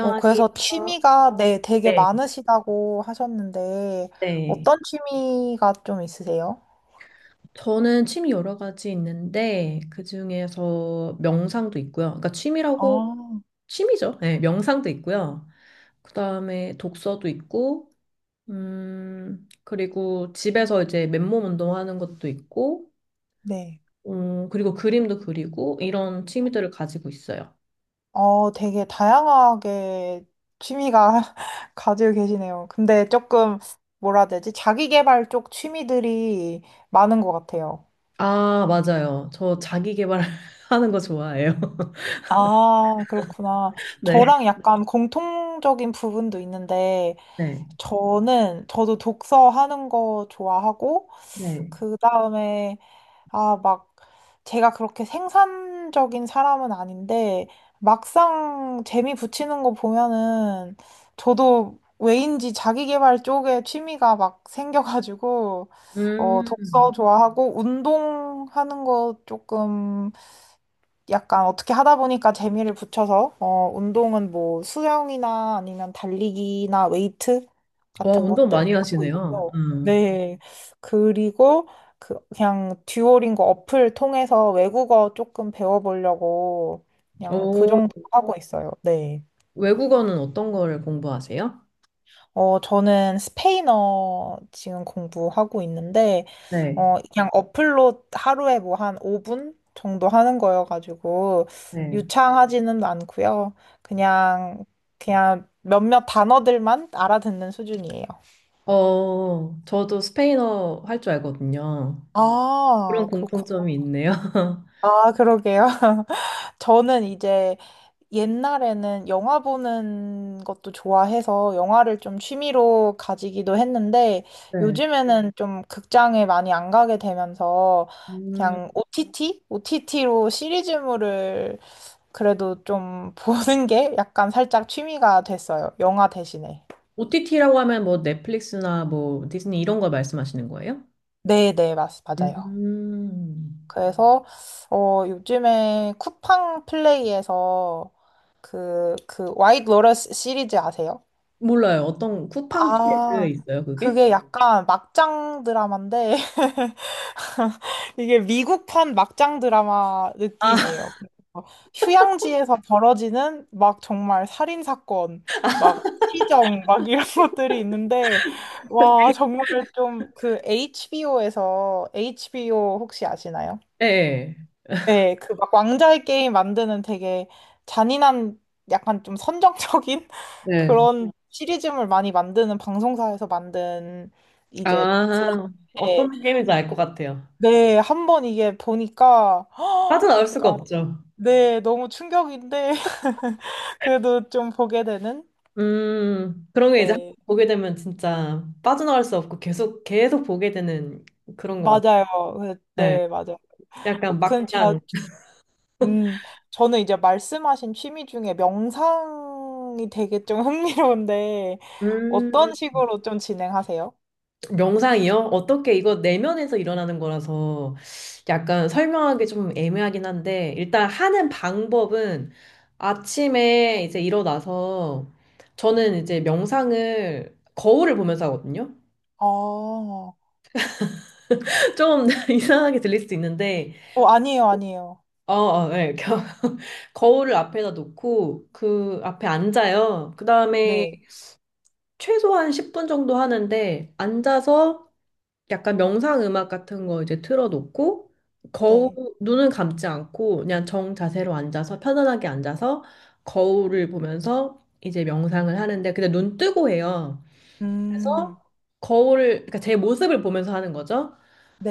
그래서 취미가 네, 되게 네, 많으시다고 하셨는데, 네. 어떤 취미가 좀 있으세요? 저는 취미 여러 가지 있는데 그중에서 명상도 있고요. 그러니까 취미라고 아, 취미죠. 네, 명상도 있고요. 그다음에 독서도 있고, 그리고 집에서 이제 맨몸 운동하는 것도 있고, 네. 그리고 그림도 그리고 이런 취미들을 가지고 있어요. 되게 다양하게 취미가 가지고 계시네요. 근데 조금, 뭐라 해야 되지? 자기 개발 쪽 취미들이 많은 것 같아요. 아, 맞아요. 저 자기 개발하는 거 좋아해요. 아, 그렇구나. 네. 저랑 약간 공통적인 부분도 있는데, 네. 저도 독서하는 거 좋아하고, 네. 그 다음에 막, 제가 그렇게 생산적인 사람은 아닌데, 막상 재미 붙이는 거 보면은, 저도 왜인지 자기계발 쪽에 취미가 막 생겨가지고, 독서 음. 좋아하고, 운동하는 거 조금 약간 어떻게 하다 보니까 재미를 붙여서, 운동은 뭐 수영이나 아니면 달리기나 웨이트 와, 같은 운동 것들 많이 하고 하시네요. 있고, 음. 네. 그리고 그냥 듀오링고 어플 통해서 외국어 조금 배워보려고 그냥 그 어, 정도 하고 있어요. 네. 외국어는 어떤 거를 공부하세요? 저는 스페인어 지금 공부하고 있는데, 네, 그냥 어플로 하루에 뭐 한 5분 정도 하는 거여가지고, 네. 유창하지는 않고요. 그냥, 그냥 몇몇 단어들만 알아듣는 수준이에요. 저도 스페인어 할 줄 알거든요. 그런 아, 그렇구나. 공통점이 있네요. 아, 그러게요. 저는 이제 옛날에는 영화 보는 것도 좋아해서 영화를 좀 취미로 가지기도 했는데 네. 요즘에는 좀 극장에 많이 안 가게 되면서 음. 그냥 OTT? OTT로 시리즈물을 그래도 좀 보는 게 약간 살짝 취미가 됐어요. 영화 대신에. OTT라고 하면 뭐 넷플릭스나 뭐 디즈니 이런 걸 말씀하시는 거예요? 네, 네, 맞아요. 음, 그래서 요즘에 쿠팡 플레이에서 그 와이드 로러스 시리즈 아세요? 몰라요. 어떤 쿠팡 시리즈 아, 있어요, 그게? 그게 약간 막장 드라마인데, 이게 미국판 막장 드라마 아, 느낌이에요. 그래서 휴양지에서 벌어지는 막 정말 살인 사건, 막 시정, 막 이런 것들이 있는데, 와, 정말 좀 그 HBO에서, HBO 혹시 아시나요? 네. 네, 그 막 왕자의 게임 만드는 되게 잔인한 약간 좀 선정적인 네. 그런 시리즈물 많이 만드는 방송사에서 만든 이제 아, 드라마인데 어떤 게임인지 알 것 같아요. 네, 한번 이게 보니까 빠져나올 수가 약간 없죠. 네, 너무 충격인데 그래도 좀 보게 되는 그런 게 이제 한번 네, 보게 되면 진짜 빠져나갈 수 없고 계속, 계속 보게 되는 그런 것 같아요. 맞아요. 네. 네, 맞아요. 약간 근데 제가 막장. 음, 저는 이제 말씀하신 취미 중에 명상이 되게 좀 흥미로운데, 음, 어떤 식으로 좀 진행하세요? 명상이요? 어떻게 이거 내면에서 일어나는 거라서 약간 설명하기 좀 애매하긴 한데, 일단 하는 방법은 아침에 이제 일어나서, 저는 이제 명상을 거울을 보면서 하거든요. 아, 좀 이상하게 들릴 수도 있는데. 아니에요, 아니에요. 어, 어, 네. 거울을 앞에다 놓고 그 앞에 앉아요. 그 다음에 네, 최소한 10분 정도 하는데, 앉아서 약간 명상 음악 같은 거 이제 틀어놓고, 거울, 네. 눈은 감지 않고 그냥 정 자세로 앉아서, 편안하게 앉아서 거울을 보면서 이제 명상을 하는데, 근데 눈 뜨고 해요. 음, 그래서 거울을, 그러니까 제 모습을 보면서 하는 거죠.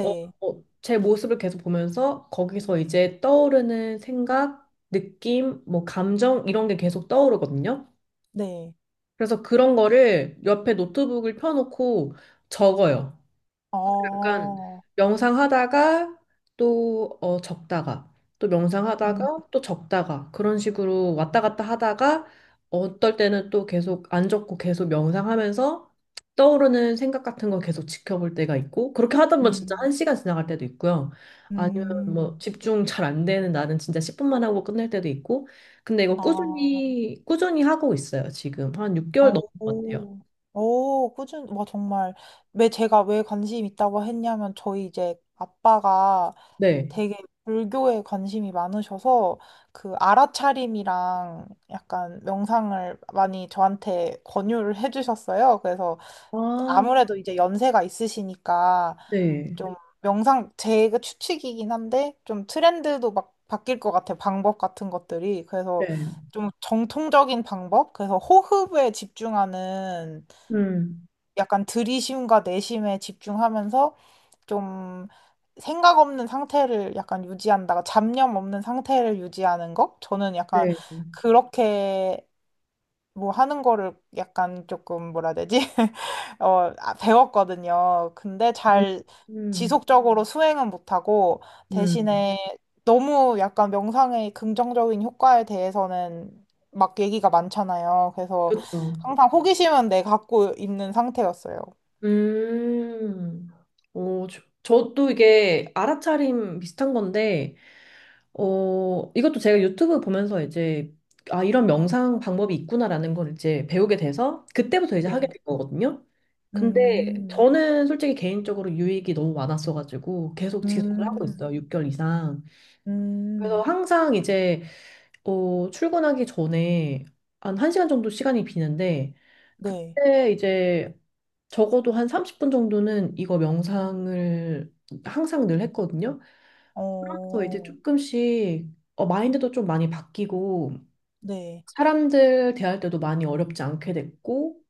어, 제 모습을 계속 보면서 거기서 이제 떠오르는 생각, 느낌, 뭐 감정 이런 게 계속 떠오르거든요. 네. 그래서 그런 거를 옆에 노트북을 펴놓고 적어요. 약간 어, 명상하다가 또 적다가, 또 음, 명상하다가 또 적다가 그런 식으로 왔다 갔다 하다가, 어떨 때는 또 계속 안 적고 계속 명상하면서 떠오르는 생각 같은 거 계속 지켜볼 때가 있고, 그렇게 하다 보면 진짜 음, 한 시간 지나갈 때도 있고요. 아니면 음, 뭐 집중 잘 안 되는 나는 진짜 10분만 하고 끝낼 때도 있고. 근데 이거 아. 꾸준히 꾸준히 하고 있어요. 지금 한 6개월 넘은 것 같아요. 오, 오, 꾸준, 와, 정말. 왜 제가 왜 관심 있다고 했냐면, 저희 이제 아빠가 네. 되게 불교에 관심이 많으셔서, 그 알아차림이랑 약간 명상을 많이 저한테 권유를 해주셨어요. 그래서 아, 아무래도 이제 연세가 있으시니까 네. 좀 명상 제가 추측이긴 한데 좀 트렌드도 막 바뀔 것 같아요. 방법 같은 것들이. 그래서 네. 좀 정통적인 방법? 그래서 호흡에 집중하는 음. 약간 들이쉼과 내쉼에 집중하면서 좀 생각 없는 상태를 약간 유지한다가 잡념 없는 상태를 유지하는 거? 저는 약간 네. 그렇게 뭐 하는 거를 약간 조금 뭐라 해야 되지? 배웠거든요. 근데 음, 잘 음, 지속적으로 수행은 못하고 음. 대신에 너무 약간 명상의 긍정적인 효과에 대해서는 막 얘기가 많잖아요. 그래서 그쵸. 항상 호기심은 내 갖고 있는 상태였어요. 음. 저도 이게 알아차림 비슷한 건데, 이것도 제가 유튜브 보면서 이제, 아, 이런 명상 방법이 있구나라는 걸 이제 배우게 돼서, 그때부터 이제 하게 네. 된 거거든요. 근데 음, 저는 솔직히 개인적으로 유익이 너무 많았어가지고, 계속 지속을 하고 음, 있어요. 6개월 이상. 그래서 음, 항상 이제, 출근하기 전에 한 1시간 정도 시간이 비는데, 네. 그때 이제 적어도 한 30분 정도는 이거 명상을 항상 늘 했거든요. 그러면서 이제 어, 조금씩 마인드도 좀 많이 바뀌고, 네, 사람들 대할 때도 많이 어렵지 않게 됐고,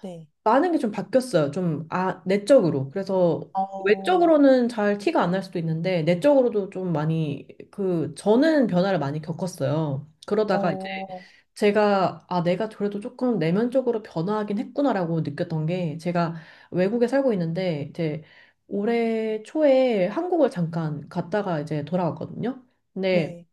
네. 많은 게 좀 바뀌었어요. 좀, 아, 내적으로. 그래서 어, 외적으로는 잘 티가 안 날 수도 있는데, 내적으로도 좀 많이, 그, 저는 변화를 많이 겪었어요. 그러다가 이제 어, 제가, 아, 내가 그래도 조금 내면적으로 변화하긴 했구나라고 느꼈던 게, 제가 외국에 살고 있는데, 이제 올해 초에 한국을 잠깐 갔다가 이제 돌아왔거든요. 근데 네.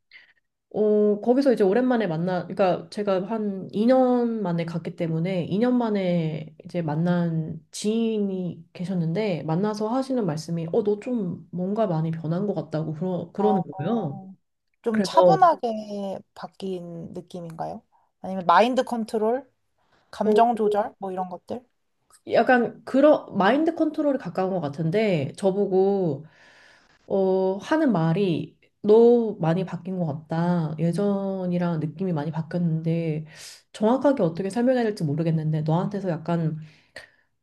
거기서 이제 오랜만에 만나, 그러니까 제가 한 2년 만에 갔기 때문에 2년 만에 이제 만난 지인이 계셨는데, 만나서 하시는 말씀이 너 좀 뭔가 많이 변한 것 같다고 그러는 거예요. 어. 좀 그래서 차분하게 바뀐 느낌인가요? 아니면 마인드 컨트롤, 어, 감정 조절, 뭐 이런 것들? 약간 그런 마인드 컨트롤에 가까운 것 같은데, 저보고 하는 말이 너 많이 바뀐 것 같다. 예전이랑 느낌이 많이 바뀌었는데, 정확하게 어떻게 설명해야 될지 모르겠는데, 너한테서 약간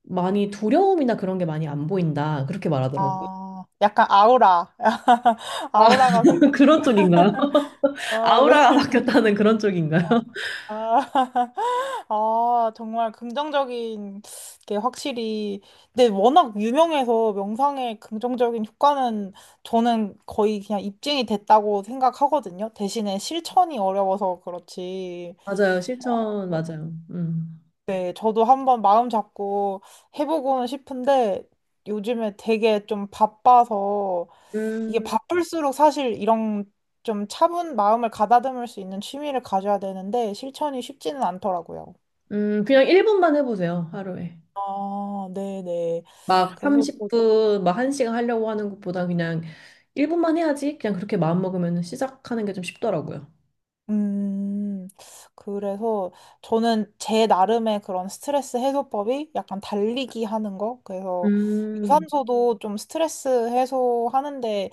많이 두려움이나 그런 게 많이 안 보인다. 그렇게 말하더라고요. 아, 약간 아우라. 아, 아우라가 생긴. 그런 쪽인가요? 아, 아우라가 네. 바뀌었다는 그런 쪽인가요? 아, 아, 정말 긍정적인 게 확실히. 근데 워낙 유명해서 명상의 긍정적인 효과는 저는 거의 그냥 입증이 됐다고 생각하거든요. 대신에 실천이 어려워서 그렇지. 맞아요. 실천, 어, 맞아요. 음. 네, 저도 한번 마음 잡고 해보고는 싶은데 요즘에 되게 좀 바빠서 이게 음, 바쁠수록 사실 이런 좀 차분 마음을 가다듬을 수 있는 취미를 가져야 되는데 실천이 쉽지는 않더라고요. 그냥 1분만 해보세요. 하루에. 아, 네네. 막 그래서 또, 30분, 막 한 시간 하려고 하는 것보다 그냥 1분만 해야지. 그냥 그렇게 마음먹으면 시작하는 게 좀 쉽더라고요. 음, 그래서 저는 제 나름의 그런 스트레스 해소법이 약간 달리기 하는 거. 그래서 음, 유산소도 좀 스트레스 해소하는데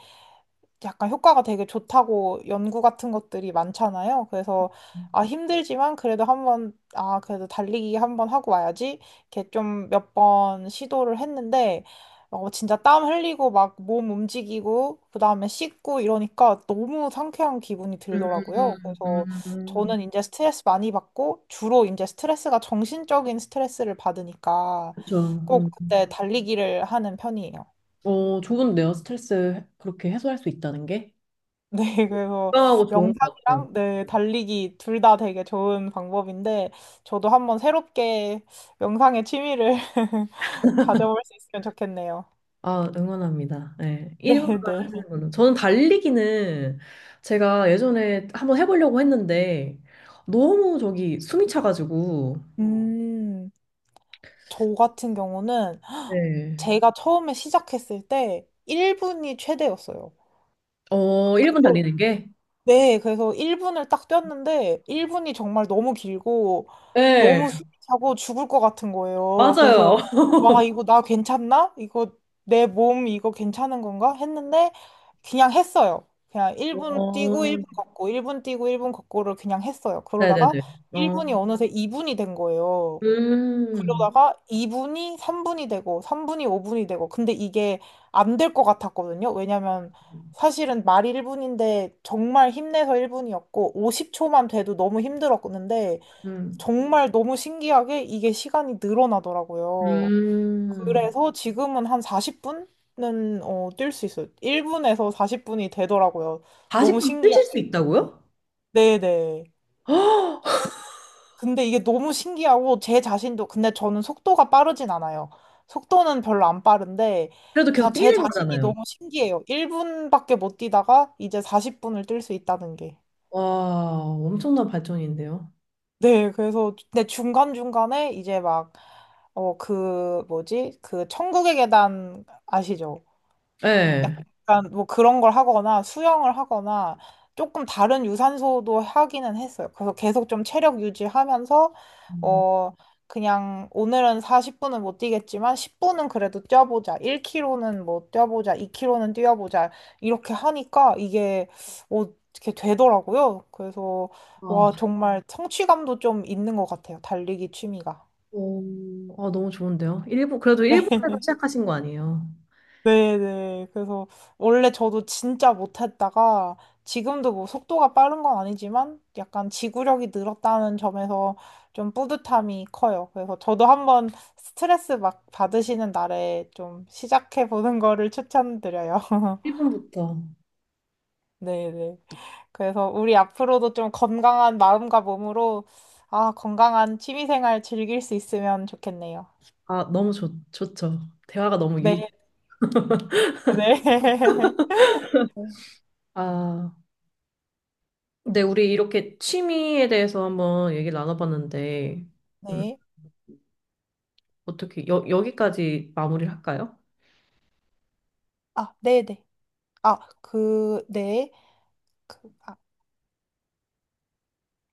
약간 효과가 되게 좋다고 연구 같은 것들이 많잖아요. 그래서 힘들지만 그래도 한번 그래도 달리기 한번 하고 와야지 이렇게 좀 몇 번 시도를 했는데 진짜 땀 흘리고 막 몸 움직이고 그다음에 씻고 이러니까 너무 상쾌한 기분이 음, 들더라고요. 그래서 음. 저는 이제 스트레스 많이 받고 주로 이제 스트레스가 정신적인 스트레스를 받으니까 그렇죠. 음. 꼭 그때 달리기를 하는 편이에요. 좋은데요. 스트레스 그렇게 해소할 수 있다는 게. 네, 그래서 건강하고 좋은 것 같아요. 명상이랑 네, 달리기 둘 다 되게 좋은 방법인데 저도 한번 새롭게 명상의 취미를 가져볼 수 있으면 좋겠네요. 아, 응원합니다. 네, 1분만 네, 네. 하시는 분은. 저는 달리기는 제가 예전에 한번 해보려고 했는데 너무 저기 숨이 차가지고. 음, 저 같은 경우는 네. 제가 처음에 시작했을 때 1분이 최대였어요. 어, 1분 달리는 게? 네, 그래서 1분을 딱 뛰었는데 1분이 정말 너무 길고 네, 너무 숨이 차고 죽을 것 같은 거예요. 그래서 맞아요. 와, 이거 나 괜찮나? 이거 내 몸 이거 괜찮은 건가? 했는데 그냥 했어요. 그냥 1분 뛰고 어, 1분 걷고 1분 뛰고 1분 걷고를 그냥 했어요. 네네네. 그러다가 어, 1분이 어느새 2분이 된 거예요. 음, 그러다가 2분이 3분이 되고 3분이 5분이 되고 근데 이게 안 될 것 같았거든요. 왜냐면 사실은 말이 1분인데 정말 힘내서 1분이었고 50초만 돼도 너무 힘들었는데 음, 정말 너무 신기하게 이게 시간이 늘어나더라고요. 음. 그래서 지금은 한 40분은 뛸 수 있어요. 1분에서 40분이 되더라고요. 너무 40분 신기하 뛰실 수 있다고요? 네네. 헉! 근데 이게 너무 신기하고 제 자신도 근데 저는 속도가 빠르진 않아요. 속도는 별로 안 빠른데 그래도 계속 그냥 제 뛰는 자신이 거잖아요. 너무 신기해요. 1분밖에 못 뛰다가 이제 40분을 뛸 수 있다는 게. 와, 엄청난 발전인데요. 네, 그래서 근데 중간중간에 이제 막 그 뭐지? 그 천국의 계단 아시죠? 네. 약간 뭐 그런 걸 하거나 수영을 하거나 조금 다른 유산소도 하기는 했어요. 그래서 계속 좀 체력 유지하면서 음. 어 그냥 오늘은 40분은 못 뛰겠지만 10분은 그래도 뛰어보자. 1km는 뭐 뛰어보자. 2km는 뛰어보자. 이렇게 하니까 이게 어 이렇게 되더라고요. 그래서 와 아, 정말 성취감도 좀 있는 것 같아요. 달리기 취미가. 오, 아, 너무 좋은데요. 일본, 그래도 일본에서 네. 시작하신 거 아니에요? 네네. 그래서 원래 저도 진짜 못했다가 지금도 뭐 속도가 빠른 건 아니지만 약간 지구력이 늘었다는 점에서 좀 뿌듯함이 커요. 그래서 저도 한번 스트레스 막 받으시는 날에 좀 시작해 보는 거를 추천드려요. 일본부터. 네네. 그래서 우리 앞으로도 좀 건강한 마음과 몸으로 아, 건강한 취미생활 즐길 수 있으면 좋겠네요. 아, 너무 좋죠. 대화가 너무 유익. 네, 네. 아, 근데 우리 이렇게 취미에 대해서 한번 얘기를 나눠봤는데, 음. 네. 어떻게 여기까지 마무리를 할까요? 아, 네네. 아, 그, 네. 그, 아,